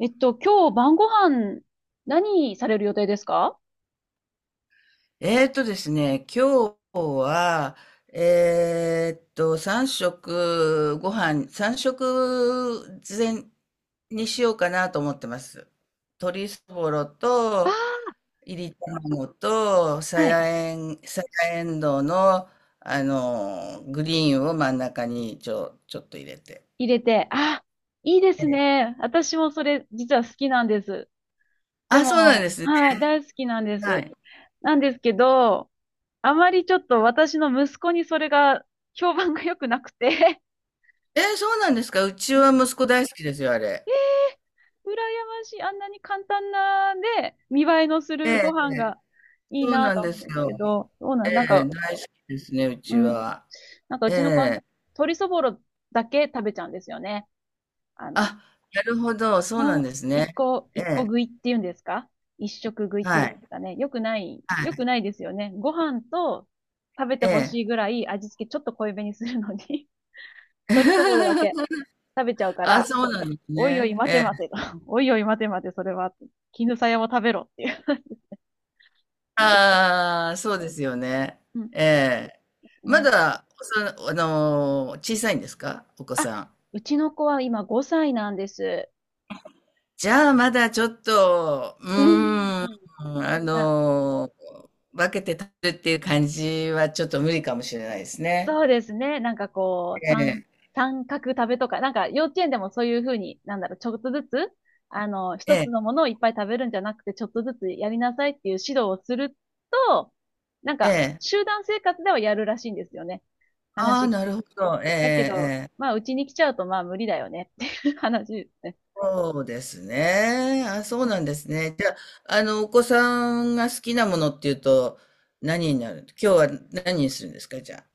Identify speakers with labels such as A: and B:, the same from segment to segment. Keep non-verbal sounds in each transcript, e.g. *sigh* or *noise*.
A: 今日晩ご飯、何される予定ですか？
B: えーとですね、今日は、3食ご飯、3食前にしようかなと思ってます。鶏そぼろ
A: あ
B: と、
A: あ、
B: いり卵と、
A: ーはい。
B: さやえんどうの、グリーンを真ん中にちょっと入れて。
A: 入れて。あ、いいで
B: え
A: す
B: え。
A: ね。私もそれ、実は好きなんです。で
B: あ、そうなん
A: も、
B: ですね。
A: はい、大好きなんで
B: は
A: す。
B: い。
A: なんですけど、あまりちょっと私の息子にそれが、評判が良くなくて、
B: えー、そうなんですか。う
A: *laughs*
B: ち
A: うん、羨
B: は息子大好きですよ、あれ。
A: ましい。あんなに簡単な、で、見栄えのす
B: え
A: るご
B: え、
A: 飯がいい
B: そう
A: な
B: なん
A: と
B: で
A: 思うん
B: す
A: です
B: よ。
A: けど、なん
B: ええ、
A: か、
B: 大好きですね、う
A: う
B: ち
A: ん、
B: は。
A: なんかう
B: え
A: ちの子、
B: え。
A: 鶏そぼろだけ食べちゃうんですよね。あの、
B: あ、なるほど、そうなん
A: の、
B: です
A: 一
B: ね。
A: 個、
B: え
A: 一個
B: え、
A: 食いっていうんですか、一食食いっ
B: は
A: ていうんで
B: い、
A: すかね。
B: は
A: よ
B: い、
A: くないですよね。ご飯と食べて
B: え
A: ほ
B: え。
A: しいぐらい味付けちょっと濃いめにするのに、 *laughs* 鶏そぼろだけ
B: *laughs*
A: 食べちゃうか
B: あ、
A: ら、
B: そうなんです
A: おいおい
B: ね。え
A: 待て待
B: え。
A: てと。*laughs* おいおい待て待て、それは。絹さやも食べろっていう。ね、
B: ああ、そうですよね。
A: うん。
B: ええ。ま
A: ね。
B: だ、おさあのー、小さいんですかお子
A: あ、
B: さん。
A: うちの子は今5歳なんです。
B: じゃあ、まだちょっと、うー
A: うん。う
B: ん、
A: ん。な
B: 分けて食べるっていう感じはちょっと無理かもしれないですね。
A: そうですね。なんかこう、
B: ええ、
A: 三角食べとか、なんか幼稚園でもそういうふうに、なんだろう、ちょっとずつ、
B: え
A: 一つ
B: え、
A: のものをいっぱい食べるんじゃなくて、ちょっとずつやりなさいっていう指導をすると、なん
B: え
A: か、
B: え。
A: 集団生活ではやるらしいんですよね。
B: あ
A: 話
B: あ、
A: 聞
B: な
A: く。
B: るほど。ええええ
A: だけど、
B: ええ。
A: まあ、うちに来ちゃうと、まあ、無理だよねっていう話ですね。
B: そうですね。あ、そうなんですね。じゃあ、お子さんが好きなものっていうと、何になる、今日は何にするんですか、じゃあ。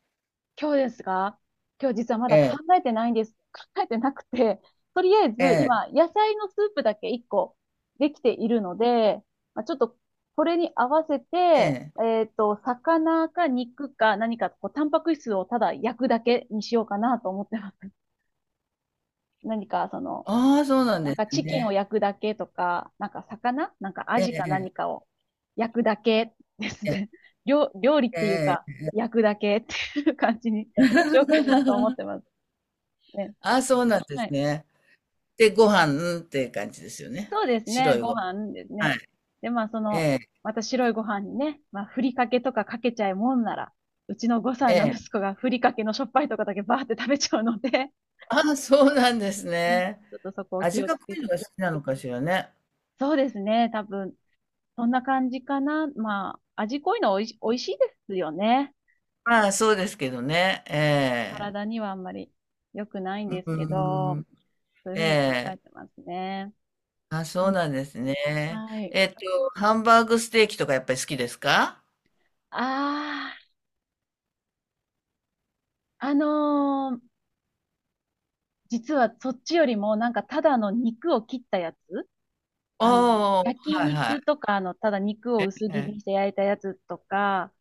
A: 今日ですか？今日実はま
B: え
A: だ考
B: え、
A: えてないんです。考えてなくて、*laughs* とりあえず
B: え
A: 今、野菜のスープだけ1個できているので、まあ、ちょっとこれに合わせ
B: え、
A: て、
B: ええ。
A: 魚か肉か何か、こう、タンパク質をただ焼くだけにしようかなと思ってます。*laughs* 何か、その、
B: ああ、そうなん
A: なん
B: で
A: か
B: す
A: チキンを
B: ね。
A: 焼くだけとか、なんか魚なんかア
B: え
A: ジか
B: え、
A: 何かを焼くだけです
B: ええ、
A: ね。*laughs* 料理っ
B: え
A: ていう
B: え、
A: か、
B: ええ
A: 焼くだけっていう感じにしようかなと思って
B: *laughs*。
A: ます。ね、
B: ああ、そうなんで
A: は
B: す
A: い。
B: ね。で、ご飯、うんっていう感じですよね。
A: そうです
B: 白
A: ね。
B: い
A: ご
B: ご飯。
A: 飯です
B: は
A: ね。
B: い。
A: で、まあ、そ
B: え
A: の、
B: え、
A: また白いご飯にね、まあ、ふりかけとかかけちゃうもんなら、うちの5
B: え
A: 歳の息
B: え。
A: 子がふりかけのしょっぱいとかだけバーって食べちゃうので、
B: ああ、そうなんです
A: ね、
B: ね。
A: ちょっとそこを気
B: 味
A: をつ
B: が濃
A: け
B: い
A: て。
B: のが好きなのかしらね。
A: そうですね。多分、そんな感じかな。まあ、味濃いのおいし、美味しいですよね。
B: まあ、そうですけどね。ええ。
A: 体にはあんまり良くないん
B: う
A: ですけ
B: ー
A: ど、
B: ん。
A: そういうふ
B: え
A: うに考
B: え。
A: えてますね。
B: あ、
A: う
B: そう
A: ん、
B: なんですね。
A: はい。
B: えっと、ハンバーグステーキとかやっぱり好きですか？
A: ああ、実はそっちよりも、なんかただの肉を切ったやつ、
B: あ
A: あの、
B: あ、は
A: 焼
B: いはい。
A: 肉とか、あの、ただ肉を
B: ええ、
A: 薄切りにして焼いたやつとか、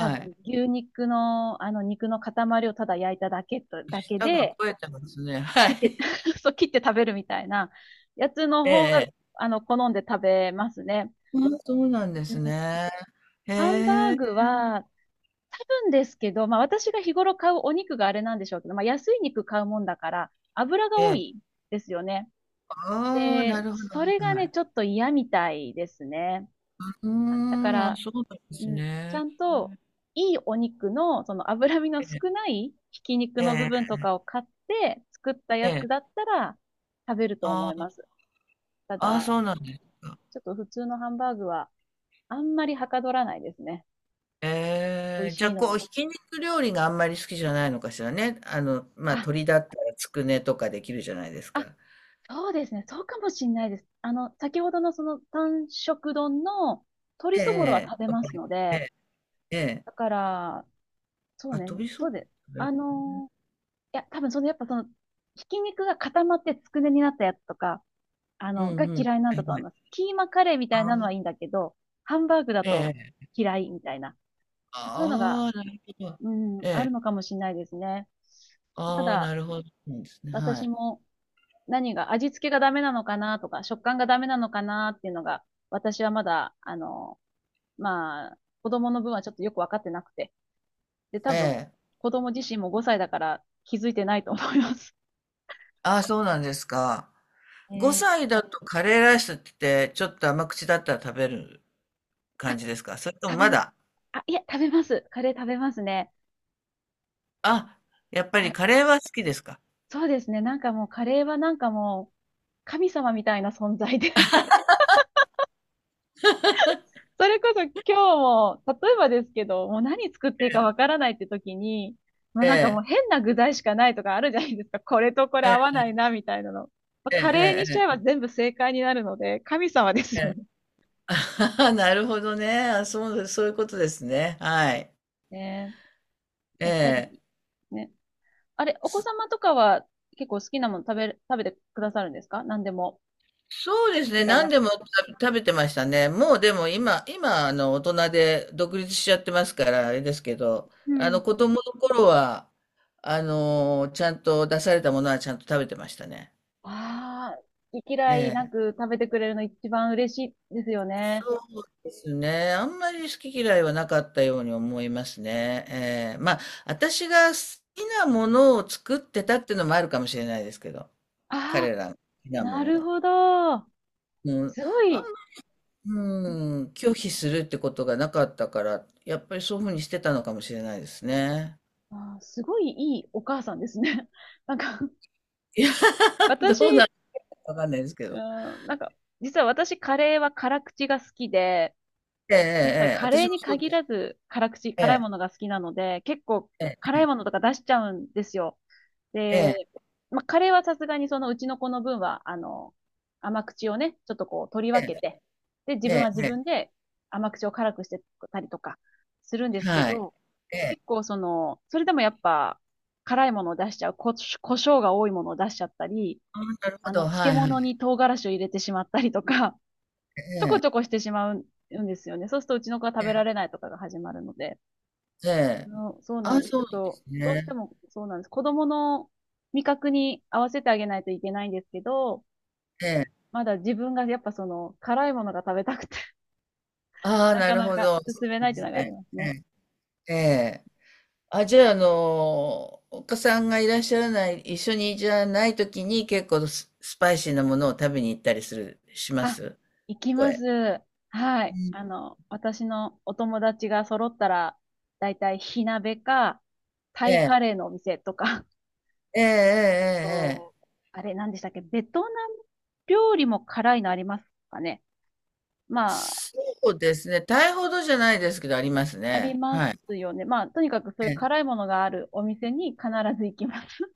A: 多
B: い。
A: 分牛肉の、あの、肉の塊をただ焼いただけと、だけ
B: 舌が
A: で、
B: 肥えてますね。*laughs* は
A: 切って、
B: い。
A: *laughs* そう、切って食べるみたいなやつの方が、
B: ええ、
A: あの、好んで食べますね。
B: あ、そうなんで
A: う
B: す
A: ん。
B: ね。へ
A: ハンバー
B: え。
A: グは、多分ですけど、まあ私が日頃買うお肉があれなんでしょうけど、まあ安い肉買うもんだから、油が
B: え
A: 多
B: え。
A: いですよね。
B: ああ、な
A: で、
B: るほど、
A: それが
B: は
A: ね、
B: い。
A: ちょっと嫌みたいですね。
B: うー
A: だか
B: ん、あ、
A: ら、
B: そうなんです
A: うん、ちゃ
B: ね。
A: んと、いいお肉の、その脂身の
B: え
A: 少
B: え。
A: ないひき肉の部
B: え
A: 分
B: え
A: とかを買って作った
B: え
A: や
B: え。え
A: つだっ
B: え。
A: たら食べると思い
B: あ
A: ます。た
B: あ、ああ、そ
A: だ、
B: うなんですか。
A: ちょっと普通のハンバーグはあんまりはかどらないですね。美
B: え
A: 味
B: え、
A: し
B: じゃ、あ
A: いの
B: こう、
A: に。
B: ひき肉料理があんまり好きじゃないのかしらね。まあ、
A: あ、
B: 鶏だったらつくねとかできるじゃないです
A: あ、
B: か。
A: そうですね。そうかもしんないです。あの、先ほどのその単色丼の鶏そぼろは
B: ええ
A: 食べますの
B: ええ。え
A: で、
B: え、ええ。
A: だから、そう
B: あ、
A: ね、
B: 飛びそ
A: そう
B: う。
A: で、あのーいや、多分その、やっぱその、ひき肉が固まってつくねになったやつとか、あ
B: う
A: の、が
B: んうん。
A: 嫌いなん
B: え
A: だと思いま
B: え、
A: す。キーマカレーみたい
B: あ
A: なの
B: ー、
A: はいいんだけど、ハンバーグだと
B: ええ、
A: 嫌いみたいな、そういうのが、
B: ああ、なるほど。
A: うん、
B: え
A: ある
B: え。
A: のかもしれないですね。た
B: ああ、
A: だ、
B: なるほどですね、は
A: 私
B: い。
A: も何が、味付けがダメなのかなとか、食感がダメなのかなっていうのが、私はまだ、あの、まあ、子供の分はちょっとよくわかってなくて、で、
B: え
A: 多分、
B: え。
A: 子供自身も5歳だから気づいてないと思います。
B: ああ、そうなんですか。
A: えー、
B: 5歳だとカレーライスって言ってちょっと甘口だったら食べる
A: あ、
B: 感じですか？それとも
A: 食べ
B: ま
A: ま、
B: だ
A: あ、いや食べます。カレー食べますね。
B: あ、やっぱりカレーは好きですか？
A: そうですね。なんかもうカレーはなんかもう神様みたいな存在で、 *laughs* それこそ今日も、例えばですけど、もう何作っていいかわからないって時に、まあ
B: え
A: なんかもう
B: え。
A: 変な具材しかないとかあるじゃないですか。これとこれ
B: え
A: 合わ
B: え、
A: ないな、みたいなの。まあ、
B: え
A: カレー
B: え
A: にしちゃえば
B: ええ
A: 全部正解になるので、神様です
B: え
A: よ
B: え
A: ね。
B: ええ *laughs* なるほどね。あ、そうです、そういうことですね。はい。
A: ね、
B: え
A: やっぱ
B: え。
A: り、ね、あれ、お子
B: そ
A: 様とかは結構好きなもの食べてくださるんですか、何でも。
B: そうです
A: 好き
B: ね。
A: 嫌いな
B: 何
A: く。
B: でも食べてましたね。もうでも今、今、大人で独立しちゃってますから、あれですけど、
A: うん。
B: 子供の頃は、ちゃんと出されたものはちゃんと食べてましたね。
A: ああ、好き嫌いな
B: ええ、
A: く食べてくれるの一番嬉しいですよね。
B: そうですね。あんまり好き嫌いはなかったように思いますね。ええ、まあ、私が好きなものを作ってたっていうのもあるかもしれないですけど、彼
A: あ
B: らの好き
A: あ、
B: なも
A: な
B: の
A: る
B: を。
A: ほど。
B: うん、
A: すご
B: あん
A: い、
B: うん、拒否するってことがなかったから、やっぱりそういうふうにしてたのかもしれないですね。
A: あー、すごいいいお母さんですね。*laughs* なんか、
B: いや、
A: 私、
B: どうなるかわかんないですけ
A: う
B: ど。
A: ん、なんか、実は私カレーは辛口が好きで、
B: ええ、え
A: ごめんなさい、
B: え、ええ
A: カ
B: 私
A: レー
B: も
A: に
B: そう
A: 限
B: です。
A: らず辛口、
B: え
A: 辛い
B: え、
A: ものが好きなので、結構
B: ええ、
A: 辛いものとか出しちゃうんですよ。
B: え
A: で、
B: え、
A: まあ、カレーはさすがにそのうちの子の分は、あの、甘口をね、ちょっとこう取り分
B: え
A: けて、で、自
B: え、え
A: 分は自
B: え、え
A: 分で甘口を辛くしてたりとかするんで
B: え、
A: すけ
B: はい。
A: ど、
B: ええ、
A: 結構その、それでもやっぱ辛いものを出しちゃう、胡椒が多いものを出しちゃったり、
B: あ、なるほ
A: あの、
B: ど、は
A: 漬
B: い、はい。
A: 物に唐辛子を入れてしまったりとか、ちょこちょこしてしまうんですよね。そうするとうちの子は食べら
B: え
A: れないとかが始まるので。
B: え、ええ、
A: うん、そうな
B: あ
A: ん
B: あ、
A: です。
B: そ
A: ちょ
B: う
A: っ
B: なんで
A: と、
B: す
A: どうして
B: ね。
A: もそうなんです。子供の味覚に合わせてあげないといけないんですけど、
B: ええ。
A: まだ自分がやっぱその辛いものが食べたくて、
B: あ
A: *laughs*
B: あ、
A: な
B: な
A: か
B: る
A: な
B: ほ
A: か
B: ど。そ
A: 進め
B: う
A: ない
B: で
A: っていう
B: す
A: のがあり
B: ね。
A: ます
B: え
A: ね。
B: え、ええ。あ、じゃあ、お子さんがいらっしゃらない、一緒にじゃない時に結構スパイシーなものを食べに行ったりするしま
A: あ、
B: す？
A: 行
B: そ
A: き
B: こ
A: ま
B: へ。
A: す。は
B: う
A: い。
B: ん。
A: あの、私のお友達が揃ったら、だいたい火鍋か、タ
B: え
A: イカレー
B: え。
A: のお店とか、
B: ええええ
A: *laughs*
B: えええ
A: と、
B: え。
A: あれ、何でしたっけ、ベトナム料理も辛いのありますかね。ま、
B: そうですね、タイほどじゃないですけどあります
A: あり
B: ね。
A: ま
B: はい。
A: すよね。まあ、とにかくそう
B: え
A: いう
B: え。
A: 辛いものがあるお店に必ず行きます。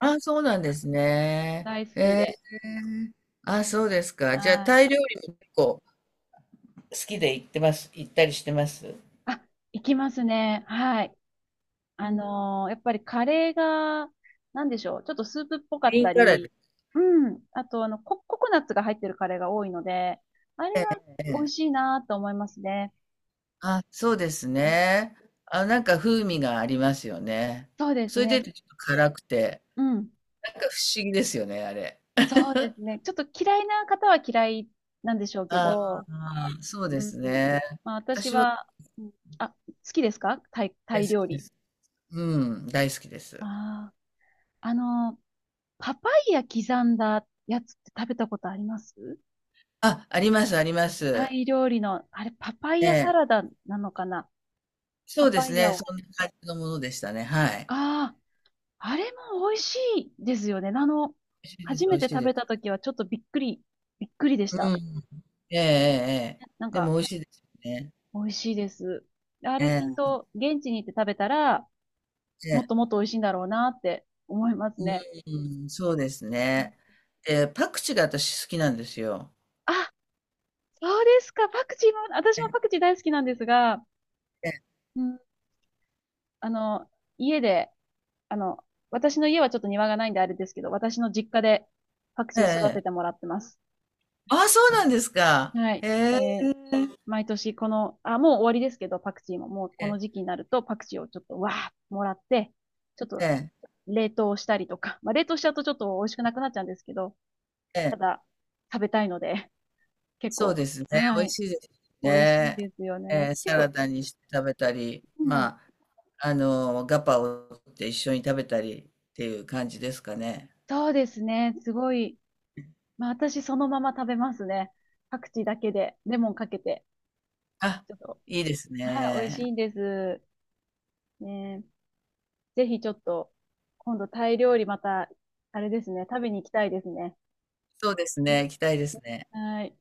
B: ああ、そうなんです
A: *laughs*
B: ね。
A: 大好
B: え
A: き
B: え。
A: で。
B: ああ、そうですか。
A: は
B: じゃあ、タ
A: い。
B: イ料理も結構好きで行ったりしてます？
A: あ、行きますね。はい。
B: うん、グ
A: やっぱりカレーが、なんでしょう。ちょっとスープっぽかっ
B: リー
A: た
B: ンカラーで
A: り、うん。あと、あの、ココナッツが入ってるカレーが多いので、あれ
B: す
A: が
B: ね。
A: 美味しいなと思いますね。
B: あ、そうです
A: うん、
B: ね。あ、なんか風味がありますよね。
A: そうです
B: それで
A: ね。
B: ちょっと辛くて、
A: うん。
B: なんか不思議ですよね、あれ。
A: そうですね。ちょっと嫌いな方は嫌いなんでしょうけ
B: あ
A: ど、
B: あ、そうで
A: うん。
B: すね。
A: まあ、私
B: 私は
A: は、うん、あ、好きですかタイ、タ
B: 大
A: イ
B: 好
A: 料
B: きで
A: 理。
B: す。うん、大好きです。
A: ああ、あの、パパイヤ刻んだやつって食べたことあります？
B: あ、ありますありま
A: タ
B: す。
A: イ料理の、あれ、パパイ
B: え
A: ヤサ
B: え。
A: ラダなのかな？
B: そ
A: パ
B: うで
A: パ
B: す
A: イヤ
B: ね、そ
A: を。
B: んな感じのものでしたね、はい。
A: ああ、あれも美味しいですよね。あの、
B: 美味しいで
A: 初
B: す美
A: め
B: 味
A: て
B: しい
A: 食
B: で
A: べた
B: す。
A: 時はちょっとびっくり、びっくりでし
B: う
A: た。
B: ん。ええええええ。
A: なん
B: でも
A: か、
B: 美味しいですよね。
A: 美味しいです。あ
B: え
A: れきっ
B: え、
A: と、現地に行って食べたら、
B: え
A: もっ
B: え。
A: ともっと美味しいんだろうなって思いますね。
B: うん、そうです
A: うん、
B: ね。で、パクチーが私好きなんですよ。
A: あ、そうですか。パクチーも、私も
B: え
A: パクチー大好きなんですが、
B: え、
A: うん、あの、家で、あの、私の家はちょっと庭がないんであれですけど、私の実家でパク
B: え
A: チー育て
B: え。
A: てもらってます。
B: ああ、そうなんですか。
A: はい。
B: へえ。
A: えー、毎年この、あ、もう終わりですけど、パクチーも、もうこ
B: え
A: の時期になるとパクチーをちょっとわーもらって、ちょっと
B: え、
A: 冷凍したりとか、まあ冷凍しちゃうとちょっと美味しくなくなっちゃうんですけど、
B: え
A: た
B: え。
A: だ食べたいので、結
B: そう
A: 構、
B: ですね。美
A: は
B: 味
A: い、
B: しいです
A: 美味しい
B: ね。
A: ですよ
B: え
A: ね。
B: え、
A: 結
B: サラ
A: 構、
B: ダにして食べたり、
A: う
B: ま
A: ん、
B: あ、ガパオと一緒に食べたりっていう感じですかね。
A: そうですね、すごい、まあ、私そのまま食べますね。パクチーだけで、レモンかけて。
B: あ、
A: ちょっと、
B: いいです
A: はい、美味し
B: ね。
A: いんです。ね、え、ぜひちょっと、今度タイ料理また、あれですね、食べに行きたいですね。
B: そうですね。行きたいですね。
A: はい。